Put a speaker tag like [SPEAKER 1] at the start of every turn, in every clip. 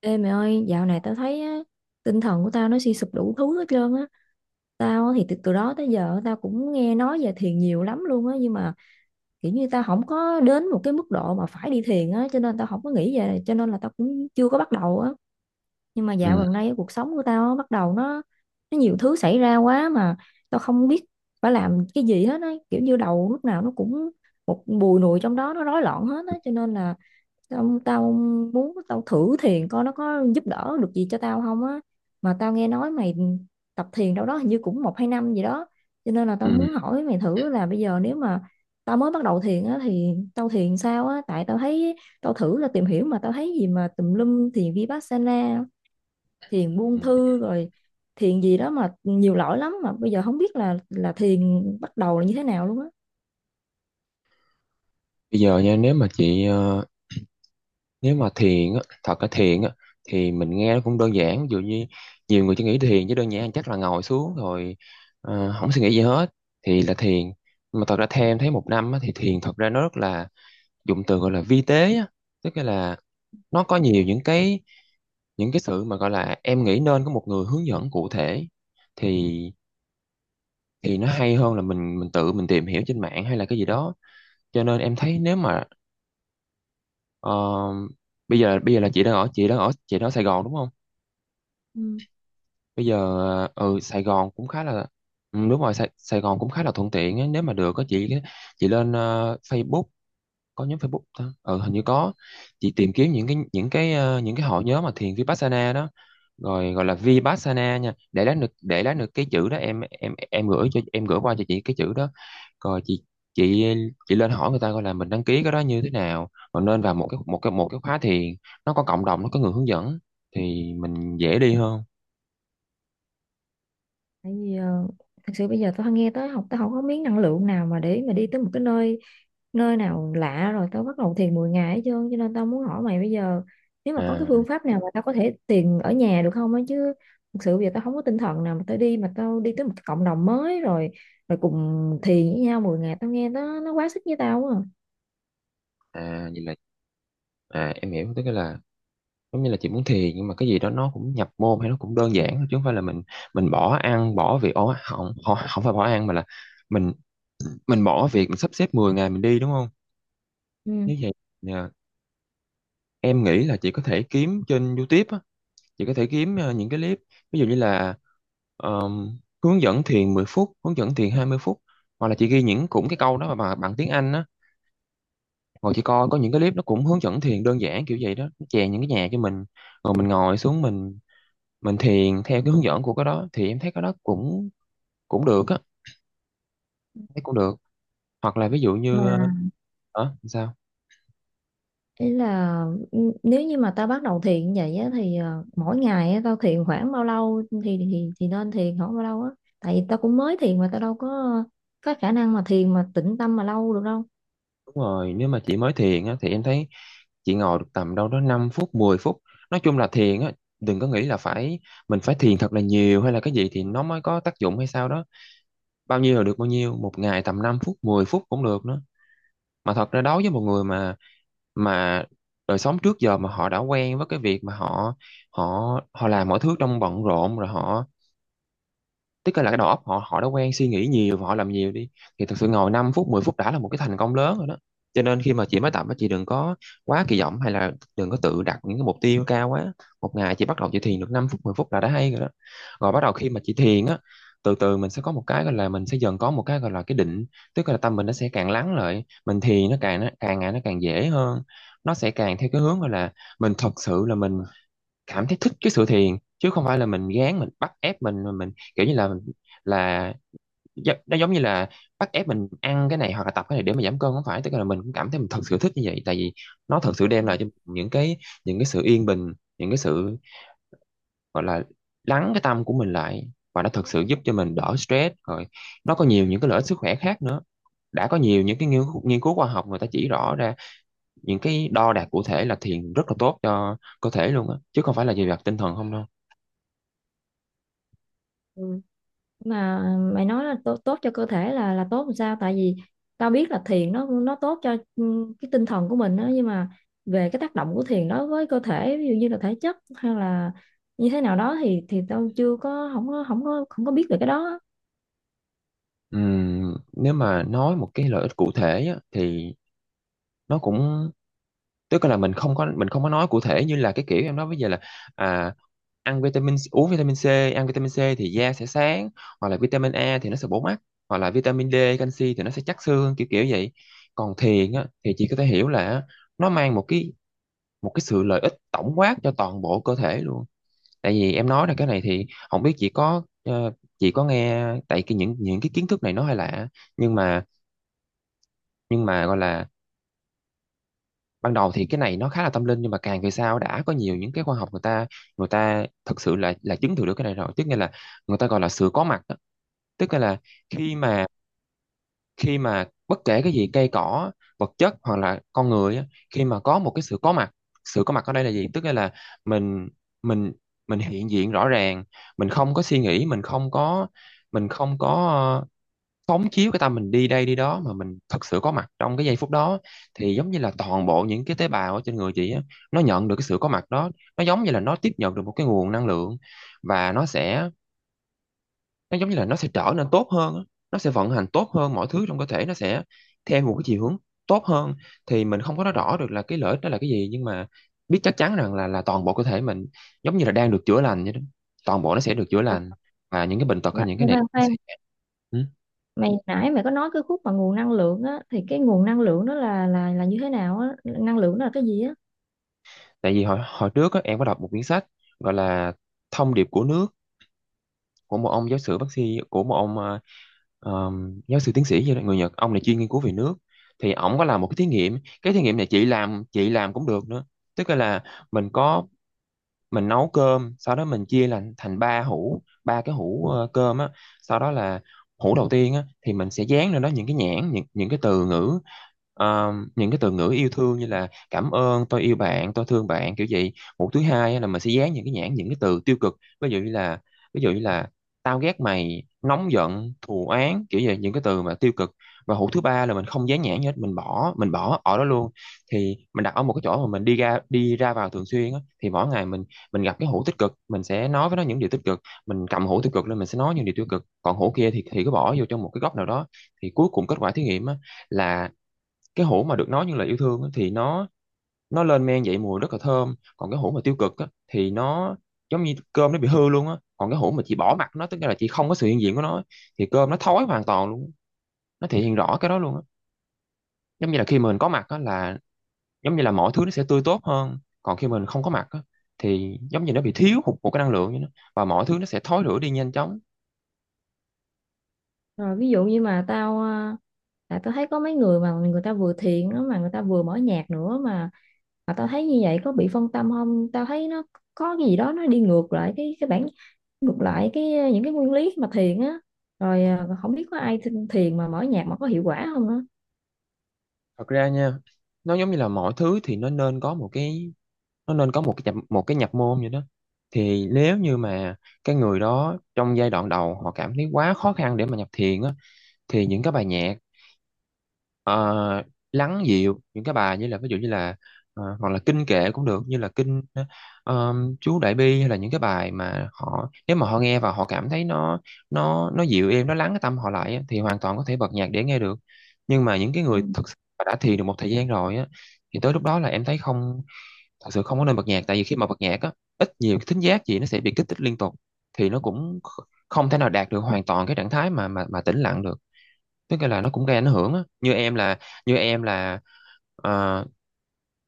[SPEAKER 1] Ê mày ơi, dạo này tao thấy á, tinh thần của tao nó suy sụp đủ thứ hết trơn á. Tao á thì từ đó tới giờ tao cũng nghe nói về thiền nhiều lắm luôn á, nhưng mà kiểu như tao không có đến một cái mức độ mà phải đi thiền á, cho nên tao không có nghĩ về, cho nên là tao cũng chưa có bắt đầu á. Nhưng mà dạo
[SPEAKER 2] Ừ,
[SPEAKER 1] gần đây cuộc sống của tao á, bắt đầu nó nhiều thứ xảy ra quá mà tao không biết phải làm cái gì hết á, kiểu như đầu lúc nào nó cũng một bùi nùi trong đó, nó rối loạn hết á, cho nên là tao muốn tao thử thiền coi nó có giúp đỡ được gì cho tao không á, mà tao nghe nói mày tập thiền đâu đó hình như cũng một hai năm gì đó, cho nên là
[SPEAKER 2] ừ,
[SPEAKER 1] tao muốn hỏi mày thử là bây giờ nếu mà tao mới bắt đầu thiền á thì tao thiền sao á? Tại tao thấy tao thử là tìm hiểu mà tao thấy gì mà tùm lum, thiền Vipassana, thiền
[SPEAKER 2] ừ.
[SPEAKER 1] buông thư, rồi thiền gì đó mà nhiều loại lắm, mà bây giờ không biết là thiền bắt đầu là như thế nào luôn á.
[SPEAKER 2] Bây giờ nha. Nếu mà thiền á, thật là thiền á thì mình nghe nó cũng đơn giản, ví dụ như nhiều người chỉ nghĩ thiền chứ đơn giản chắc là ngồi xuống rồi, không suy nghĩ gì hết thì là thiền. Nhưng mà thật ra theo em thấy một năm á, thì thiền thật ra nó rất là dụng từ gọi là vi tế á, tức là nó có nhiều những cái sự mà gọi là em nghĩ nên có một người hướng dẫn cụ thể, thì thì nó hay hơn là mình tự mình tìm hiểu trên mạng hay là cái gì đó. Cho nên em thấy nếu mà Ờ, bây giờ là chị đang ở Sài Gòn đúng không?
[SPEAKER 1] Ừ.
[SPEAKER 2] Bây giờ ừ Sài Gòn cũng khá là ừ, đúng rồi, Sài Gòn cũng khá là thuận tiện á. Nếu mà được có chị lên Facebook, có nhóm Facebook ta, ừ hình như có, chị tìm kiếm những cái hội nhóm mà thiền Vipassana đó, rồi gọi là Vipassana nha, để lát được, để lát được cái chữ đó em gửi cho em gửi qua cho chị cái chữ đó. Rồi chị chị lên hỏi người ta coi là mình đăng ký cái đó như thế nào, rồi nên vào một cái khóa thiền. Nó có cộng đồng, nó có người hướng dẫn thì mình dễ đi hơn.
[SPEAKER 1] Tại vì thật sự bây giờ tao nghe tới học tao không có miếng năng lượng nào mà để mà đi tới một cái nơi nơi nào lạ rồi tao bắt đầu thiền 10 ngày hết trơn, cho nên tao muốn hỏi mày bây giờ nếu mà có cái
[SPEAKER 2] à
[SPEAKER 1] phương pháp nào mà tao có thể thiền ở nhà được không á, chứ thực sự bây giờ tao không có tinh thần nào mà tao đi tới một cái cộng đồng mới rồi rồi cùng thiền với nhau 10 ngày, tao nghe nó quá sức với tao quá à.
[SPEAKER 2] à vậy là, à em hiểu, tức là giống như là chị muốn thiền nhưng mà cái gì đó nó cũng nhập môn hay nó cũng đơn giản thôi, chứ không phải là mình bỏ ăn bỏ việc. Ố, không không không, phải bỏ ăn, mà là mình mình bỏ việc, mình sắp xếp 10 ngày mình đi đúng không?
[SPEAKER 1] Ừ.
[SPEAKER 2] Nếu vậy, dạ, em nghĩ là chị có thể kiếm trên YouTube á. Chị có thể kiếm những cái clip, ví dụ như là hướng dẫn thiền 10 phút, hướng dẫn thiền 20 phút, hoặc là chị ghi những cũng cái câu đó mà bằng tiếng Anh á. Ngồi chị coi có những cái clip nó cũng hướng dẫn thiền đơn giản kiểu vậy đó, nó chèn những cái nhạc cho mình, rồi mình ngồi xuống, mình thiền theo cái hướng dẫn của cái đó thì em thấy cái đó cũng cũng được á, thấy cũng được. Hoặc là ví dụ như
[SPEAKER 1] Mà
[SPEAKER 2] hả? Sao?
[SPEAKER 1] ý là nếu như mà tao bắt đầu thiền vậy á, thì mỗi ngày á, tao thiền khoảng bao lâu thì thì nên thiền khoảng bao lâu á? Tại vì tao cũng mới thiền mà tao đâu có khả năng mà thiền mà tĩnh tâm mà lâu được đâu.
[SPEAKER 2] Đúng rồi, nếu mà chị mới thiền á thì em thấy chị ngồi được tầm đâu đó 5 phút 10 phút. Nói chung là thiền á, đừng có nghĩ là phải, mình phải thiền thật là nhiều hay là cái gì thì nó mới có tác dụng hay sao đó. Bao nhiêu là được, bao nhiêu một ngày, tầm 5 phút 10 phút cũng được nữa. Mà thật ra đối với một người mà, mà đời sống trước giờ mà họ đã quen với cái việc mà họ họ họ làm mọi thứ trong bận rộn, rồi họ, tức là cái đầu óc họ họ đã quen suy nghĩ nhiều và họ làm nhiều đi, thì thực sự ngồi 5 phút 10 phút đã là một cái thành công lớn rồi đó. Cho nên khi mà chị mới tập á, chị đừng có quá kỳ vọng hay là đừng có tự đặt những cái mục tiêu cao quá. Một ngày chị bắt đầu, chị thiền được 5 phút 10 phút là đã hay rồi đó. Rồi bắt đầu khi mà chị thiền á, từ từ mình sẽ có một cái gọi là, mình sẽ dần có một cái gọi là cái định, tức là tâm mình nó sẽ càng lắng lại, mình thiền nó càng, nó càng ngày, nó càng dễ hơn. Nó sẽ càng theo cái hướng gọi là mình thật sự là mình cảm thấy thích cái sự thiền, chứ không phải là mình gán, mình bắt ép mình, mà mình kiểu như là, là nó giống như là bắt ép mình ăn cái này hoặc là tập cái này để mà giảm cân. Không phải, tức là mình cũng cảm thấy mình thật sự thích như vậy, tại vì nó thật sự đem lại cho mình những cái, những cái sự yên bình, những cái sự gọi là lắng cái tâm của mình lại, và nó thật sự giúp cho mình đỡ stress, rồi nó có nhiều những cái lợi ích sức khỏe khác nữa. Đã có nhiều những cái nghiên cứu khoa học người ta chỉ rõ ra, những cái đo đạc cụ thể, là thiền rất là tốt cho cơ thể luôn á, chứ không phải là về mặt tinh thần không đâu.
[SPEAKER 1] Ừ. Mà mày nói là tốt tốt cho cơ thể là tốt làm sao? Tại vì tao biết là thiền nó tốt cho cái tinh thần của mình đó, nhưng mà về cái tác động của thiền đối với cơ thể ví dụ như là thể chất hay là như thế nào đó thì tao chưa có không có không có không có biết về cái đó á.
[SPEAKER 2] Nếu mà nói một cái lợi ích cụ thể á, thì nó cũng, tức là mình không có nói cụ thể như là cái kiểu em nói bây giờ là, à, ăn vitamin, uống vitamin C. Ăn vitamin C thì da sẽ sáng, hoặc là vitamin A thì nó sẽ bổ mắt, hoặc là vitamin D canxi thì nó sẽ chắc xương, kiểu kiểu vậy. Còn thiền á, thì chị có thể hiểu là nó mang một cái, một cái sự lợi ích tổng quát cho toàn bộ cơ thể luôn. Tại vì em nói là cái này thì không biết chị có chị có nghe, tại cái những cái kiến thức này nó hơi lạ, nhưng mà nhưng mà gọi là ban đầu thì cái này nó khá là tâm linh, nhưng mà càng về sau đã có nhiều những cái khoa học, người ta thực sự là chứng thử được cái này rồi, tức nghĩa là người ta gọi là sự có mặt đó. Tức nghĩa là khi mà khi mà bất kể cái gì, cây cỏ, vật chất hoặc là con người á, khi mà có một cái sự có mặt. Sự có mặt ở đây là gì, tức nghĩa là mình mình mình hiện diện rõ ràng, mình không có suy nghĩ, mình không có phóng chiếu cái tâm mình đi đây đi đó, mà mình thật sự có mặt trong cái giây phút đó. Thì giống như là toàn bộ những cái tế bào ở trên người chị á, nó nhận được cái sự có mặt đó, nó giống như là nó tiếp nhận được một cái nguồn năng lượng, và nó sẽ, nó giống như là nó sẽ trở nên tốt hơn á. Nó sẽ vận hành tốt hơn, mọi thứ trong cơ thể nó sẽ theo một cái chiều hướng tốt hơn. Thì mình không có nói rõ được là cái lợi ích đó là cái gì, nhưng mà biết chắc chắn rằng là toàn bộ cơ thể mình giống như là đang được chữa lành vậy đó, toàn bộ nó sẽ được chữa
[SPEAKER 1] Ờ.
[SPEAKER 2] lành, và những cái bệnh tật
[SPEAKER 1] Mà
[SPEAKER 2] hay những cái này
[SPEAKER 1] khoan
[SPEAKER 2] nó
[SPEAKER 1] khoan,
[SPEAKER 2] sẽ... Ừ.
[SPEAKER 1] mày nãy mày có nói cái khúc mà nguồn năng lượng á, thì cái nguồn năng lượng đó là là như thế nào á? Năng lượng đó là cái gì á?
[SPEAKER 2] Tại vì hồi hồi trước á, em có đọc một quyển sách gọi là Thông điệp của nước, của một ông giáo sư bác sĩ, của một ông giáo sư tiến sĩ gì đó, người Nhật, ông này chuyên nghiên cứu về nước. Thì ổng có làm một cái thí nghiệm, cái thí nghiệm này chị làm, chị làm cũng được nữa. Tức là mình có, mình nấu cơm, sau đó mình chia làm thành ba hũ, ba cái hũ cơm á. Sau đó là hũ đầu tiên á thì mình sẽ dán lên đó những cái nhãn, những cái từ ngữ, những cái từ ngữ yêu thương như là cảm ơn, tôi yêu bạn, tôi thương bạn, kiểu vậy. Hũ thứ hai á, là mình sẽ dán những cái nhãn, những cái từ tiêu cực, ví dụ như là, ví dụ như là tao ghét mày, nóng giận, thù oán, kiểu vậy, những cái từ mà tiêu cực. Và hũ thứ ba là mình không dán nhãn gì hết, mình bỏ ở đó luôn. Thì mình đặt ở một cái chỗ mà mình đi ra, đi ra vào thường xuyên á, thì mỗi ngày mình gặp cái hũ tích cực mình sẽ nói với nó những điều tích cực, mình cầm hũ tiêu cực lên mình sẽ nói những điều tiêu cực, còn hũ kia thì cứ bỏ vô trong một cái góc nào đó. Thì cuối cùng kết quả thí nghiệm á, là cái hũ mà được nói những lời yêu thương á, thì nó lên men dậy mùi rất là thơm, còn cái hũ mà tiêu cực á, thì nó giống như cơm nó bị hư luôn á, còn cái hũ mà chị bỏ mặt nó, tức là chị không có sự hiện diện Của nó thì cơm nó thối hoàn toàn luôn, nó thể hiện rõ cái đó luôn á. Giống như là khi mà mình có mặt á là giống như là mọi thứ nó sẽ tươi tốt hơn, còn khi mình không có mặt á, thì giống như nó bị thiếu hụt một cái năng lượng như nó, và mọi thứ nó sẽ thối rữa đi nhanh chóng.
[SPEAKER 1] Rồi ví dụ như mà tao tại tao thấy có mấy người mà người ta vừa thiền đó mà người ta vừa mở nhạc nữa mà tao thấy như vậy có bị phân tâm không? Tao thấy nó có cái gì đó nó đi ngược lại cái bản, ngược lại cái ờ, những cái nguyên lý mà thiền á. Rồi à, không biết có ai thiền mà mở nhạc mà có hiệu quả không á?
[SPEAKER 2] Thật ra nha, nó giống như là mọi thứ thì nó nên có một cái nhập môn như đó. Thì nếu như mà cái người đó trong giai đoạn đầu họ cảm thấy quá khó khăn để mà nhập thiền á, thì những cái bài nhạc ờ, lắng dịu, những cái bài như là ví dụ như là hoặc là kinh kệ cũng được, như là kinh ờ, chú Đại Bi, hay là những cái bài mà họ nếu mà họ nghe và họ cảm thấy nó nó dịu êm, nó lắng cái tâm họ lại á, thì hoàn toàn có thể bật nhạc để nghe được. Nhưng mà những cái người
[SPEAKER 1] Ừ.
[SPEAKER 2] thực sự mà đã thiền được một thời gian rồi á, thì tới lúc đó là em thấy không, thật sự không có nên bật nhạc. Tại vì khi mà bật nhạc á, ít nhiều cái thính giác gì nó sẽ bị kích thích liên tục, thì nó cũng không thể nào đạt được hoàn toàn cái trạng thái mà tĩnh lặng được. Tức là nó cũng gây ảnh hưởng á. Như em là ờ,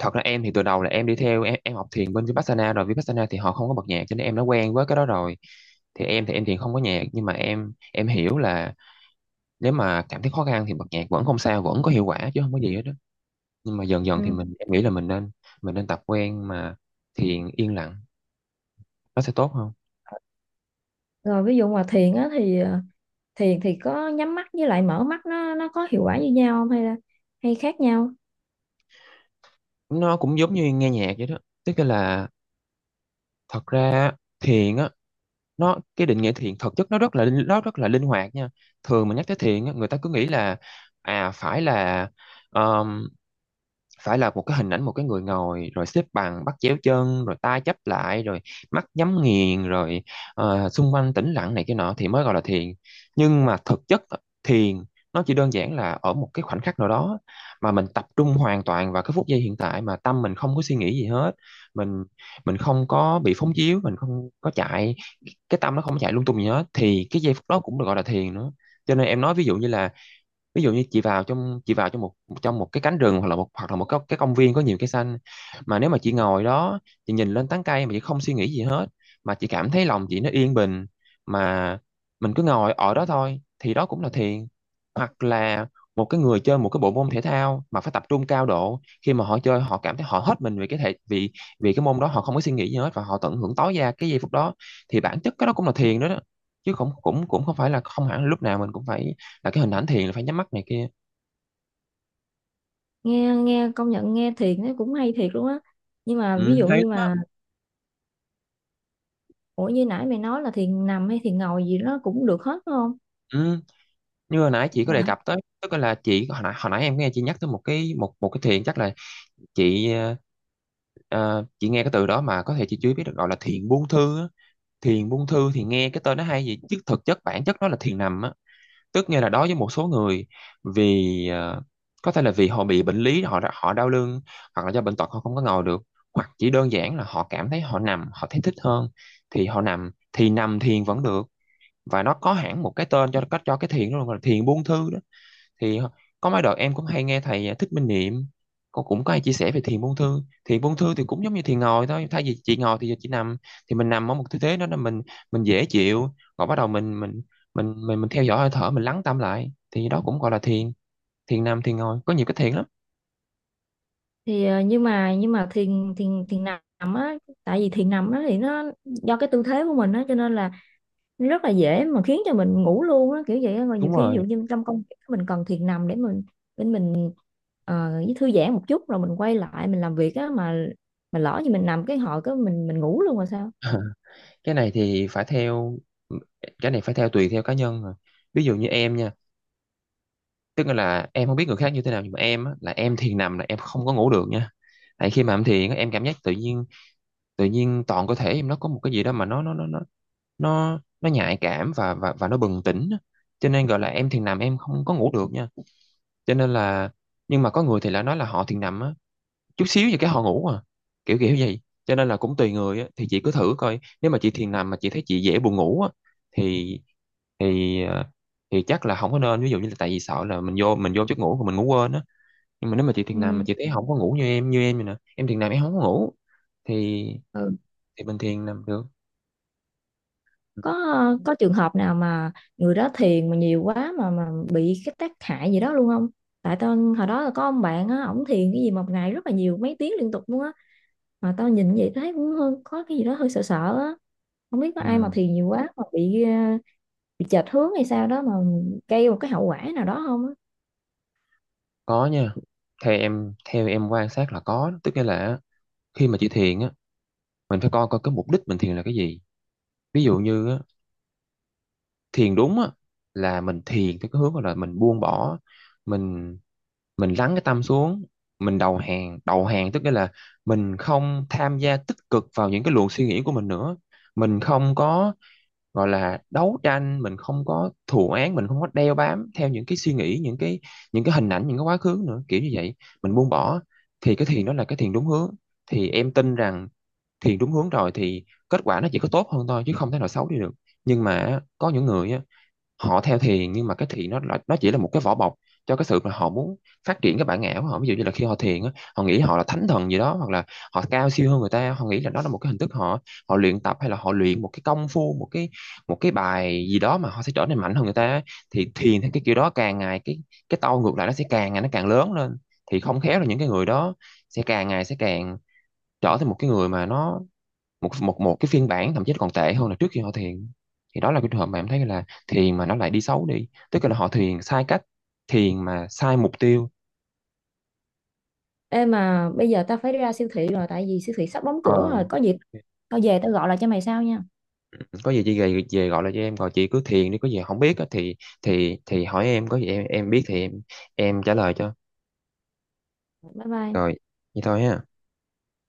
[SPEAKER 2] Thật ra em thì từ đầu là em học thiền bên Vipassana, rồi Vipassana thì họ không có bật nhạc, cho nên em đã quen với cái đó rồi. Thì em thiền không có nhạc, nhưng mà em hiểu là nếu mà cảm thấy khó khăn thì bật nhạc vẫn không sao, vẫn có hiệu quả chứ không có gì hết đó. Nhưng mà dần dần thì
[SPEAKER 1] Ừ.
[SPEAKER 2] em nghĩ là mình nên, mình nên tập quen mà thiền yên lặng, nó sẽ tốt hơn.
[SPEAKER 1] Rồi ví dụ mà thiền á thì ờ, thì có nhắm mắt với lại mở mắt nó có hiệu quả như nhau không hay khác nhau?
[SPEAKER 2] Nó cũng giống như nghe nhạc vậy đó. Tức là thật ra thiền á, nó cái định nghĩa thiện thực chất nó rất là nó rất là linh hoạt nha. Thường mà nhắc tới thiện á, người ta cứ nghĩ là à phải là, phải là một cái hình ảnh một cái người ngồi rồi xếp bằng bắt chéo chân rồi tay chắp lại rồi mắt nhắm nghiền rồi xung quanh tĩnh lặng này kia nọ thì mới gọi là thiền. Nhưng mà thực chất thiền nó chỉ đơn giản là ở một cái khoảnh khắc nào đó mà mình tập trung hoàn toàn vào cái phút giây hiện tại, mà tâm mình không có suy nghĩ gì hết. mình mình không có bị phóng chiếu, mình không có chạy, cái tâm nó không có chạy lung tung gì hết, thì cái giây phút đó cũng được gọi là thiền nữa. Cho nên em nói ví dụ như là, ví dụ như chị vào trong một, trong một cái cánh rừng, hoặc là một, hoặc là một cái công viên có nhiều cây xanh, mà nếu mà chị ngồi đó, chị nhìn lên tán cây mà chị không suy nghĩ gì hết, mà chị cảm thấy lòng chị nó yên bình, mà mình cứ ngồi ở đó thôi, thì đó cũng là thiền. Hoặc là một cái người chơi một cái bộ môn thể thao mà phải tập trung cao độ, khi mà họ chơi họ cảm thấy họ hết mình vì, vì cái môn đó, họ không có suy nghĩ gì hết và họ tận hưởng tối đa cái giây phút đó, thì bản chất cái đó cũng là thiền đó, đó. Chứ không, cũng cũng không phải là, không hẳn là lúc nào mình cũng phải là cái hình ảnh thiền là phải nhắm mắt này kia.
[SPEAKER 1] Nghe nghe công nhận nghe thiền nó cũng hay thiệt luôn á, nhưng mà ví
[SPEAKER 2] Ừ,
[SPEAKER 1] dụ
[SPEAKER 2] hay
[SPEAKER 1] như
[SPEAKER 2] lắm á.
[SPEAKER 1] mà ủa như nãy mày nói là thiền nằm hay thiền ngồi gì nó cũng được hết đúng không?
[SPEAKER 2] Ừ, như hồi nãy chị có đề
[SPEAKER 1] Mà,
[SPEAKER 2] cập tới, tức là hồi nãy em nghe chị nhắc tới một cái, một một cái thiền chắc là chị chị nghe cái từ đó mà có thể chị chưa biết, được gọi là thiền buông thư á. Thiền buông thư thì nghe cái tên nó hay vậy chứ thực chất bản chất nó là thiền nằm á. Tức nghĩa là đối với một số người, vì có thể là vì họ bị bệnh lý, họ đau lưng, hoặc là do bệnh tật họ không có ngồi được, hoặc chỉ đơn giản là họ cảm thấy họ nằm họ thấy thích hơn, thì họ nằm, thì nằm thiền vẫn được. Và nó có hẳn một cái tên cho cách, cho cái thiền đó luôn, là thiền buông thư đó. Thì có mấy đợt em cũng hay nghe thầy Thích Minh Niệm, cô cũng có hay chia sẻ về thiền buông thư. Thiền buông thư thì cũng giống như thiền ngồi thôi, thay vì chị ngồi thì giờ chị nằm. Thì mình nằm ở một tư thế đó là mình dễ chịu, rồi bắt đầu mình theo dõi hơi thở, mình lắng tâm lại, thì đó cũng gọi là thiền. Thiền nằm, thiền ngồi, có nhiều cái thiền lắm.
[SPEAKER 1] thì nhưng mà thiền thiền thiền nằm á, tại vì thiền nằm á thì nó do cái tư thế của mình á cho nên là rất là dễ mà khiến cho mình ngủ luôn á kiểu vậy á. Rồi nhiều
[SPEAKER 2] Đúng
[SPEAKER 1] khi ví dụ
[SPEAKER 2] rồi.
[SPEAKER 1] như trong công việc mình cần thiền nằm để mình với thư giãn một chút rồi mình quay lại mình làm việc á, mà lỡ như mình nằm cái hồi cái mình ngủ luôn rồi sao?
[SPEAKER 2] Cái này thì phải theo, cái này phải theo tùy theo cá nhân rồi. Ví dụ như em nha, tức là em không biết người khác như thế nào, nhưng mà em á, là em thiền nằm là em không có ngủ được nha. Tại khi mà em thiền á, em cảm giác tự nhiên, tự nhiên toàn cơ thể em nó có một cái gì đó mà nó nhạy cảm và và nó bừng tỉnh á. Cho nên gọi là em thiền nằm em không có ngủ được nha. Cho nên là, nhưng mà có người thì lại nói là họ thiền nằm á, chút xíu gì cái họ ngủ à, kiểu kiểu vậy. Cho nên là cũng tùy người á, thì chị cứ thử coi, nếu mà chị thiền nằm mà chị thấy chị dễ buồn ngủ á, thì, thì ờ, thì chắc là không có nên, ví dụ như là tại vì sợ là mình vô giấc ngủ của mình, ngủ quên á. Nhưng mà nếu mà chị thiền nằm
[SPEAKER 1] Ừ.
[SPEAKER 2] mà chị thấy không có ngủ như em, vậy nè, em thiền nằm em không có ngủ, thì
[SPEAKER 1] Ừ.
[SPEAKER 2] bình thiền nằm được.
[SPEAKER 1] có trường hợp nào mà người đó thiền mà nhiều quá mà bị cái tác hại gì đó luôn không? Tại tao hồi đó là có ông bạn á, ổng thiền cái gì một ngày rất là nhiều mấy tiếng liên tục luôn á, mà tao nhìn vậy thấy cũng có cái gì đó hơi sợ sợ á. Không biết có ai mà
[SPEAKER 2] Ừ,
[SPEAKER 1] thiền nhiều quá mà bị chệch hướng hay sao đó mà gây một cái hậu quả nào đó không á?
[SPEAKER 2] có nha. Theo em quan sát là có. Tức nghĩa là khi mà chị thiền á, mình phải coi coi cái mục đích mình thiền là cái gì. Ví dụ như á, thiền đúng á là mình thiền theo cái hướng là mình buông bỏ, mình mình lắng cái tâm xuống, mình đầu hàng. Đầu hàng tức nghĩa là mình không tham gia tích cực vào những cái luồng suy nghĩ của mình nữa, mình không có gọi là đấu tranh, mình không có thù oán, mình không có đeo bám theo những cái suy nghĩ, những cái, những cái hình ảnh, những cái quá khứ nữa, kiểu như vậy, mình buông bỏ. Thì cái thiền đó là cái thiền đúng hướng. Thì em tin rằng thiền đúng hướng rồi thì kết quả nó chỉ có tốt hơn thôi, chứ không thể nào xấu đi được. Nhưng mà có những người á, họ theo thiền nhưng mà cái thiền nó nó chỉ là một cái vỏ bọc cho cái sự mà họ muốn phát triển cái bản ngã của họ. Ví dụ như là khi họ thiền á, họ nghĩ họ là thánh thần gì đó, hoặc là họ cao siêu hơn người ta, họ nghĩ là đó là một cái hình thức họ, họ luyện tập, hay là họ luyện một cái công phu, một cái, một cái bài gì đó mà họ sẽ trở nên mạnh hơn người ta. Thì thiền theo cái kiểu đó, càng ngày cái tôi ngược lại nó sẽ càng ngày nó càng lớn lên. Thì không khéo là những cái người đó sẽ càng ngày sẽ càng trở thành một cái người mà nó, một một một cái phiên bản thậm chí còn tệ hơn là trước khi họ thiền. Thì đó là cái trường hợp mà em thấy là thiền mà nó lại đi xấu đi, tức là họ thiền sai cách, thiền mà sai mục tiêu.
[SPEAKER 1] Ê mà bây giờ tao phải đi ra siêu thị rồi, tại vì siêu thị sắp đóng cửa
[SPEAKER 2] Ờ,
[SPEAKER 1] rồi, có gì tao về tao gọi lại cho mày sau nha.
[SPEAKER 2] có gì chị về, về gọi là cho em, rồi chị cứ thiền đi, có gì không biết á thì, thì hỏi em, có gì em biết thì em trả lời cho.
[SPEAKER 1] Bye bye.
[SPEAKER 2] Rồi, vậy thôi ha.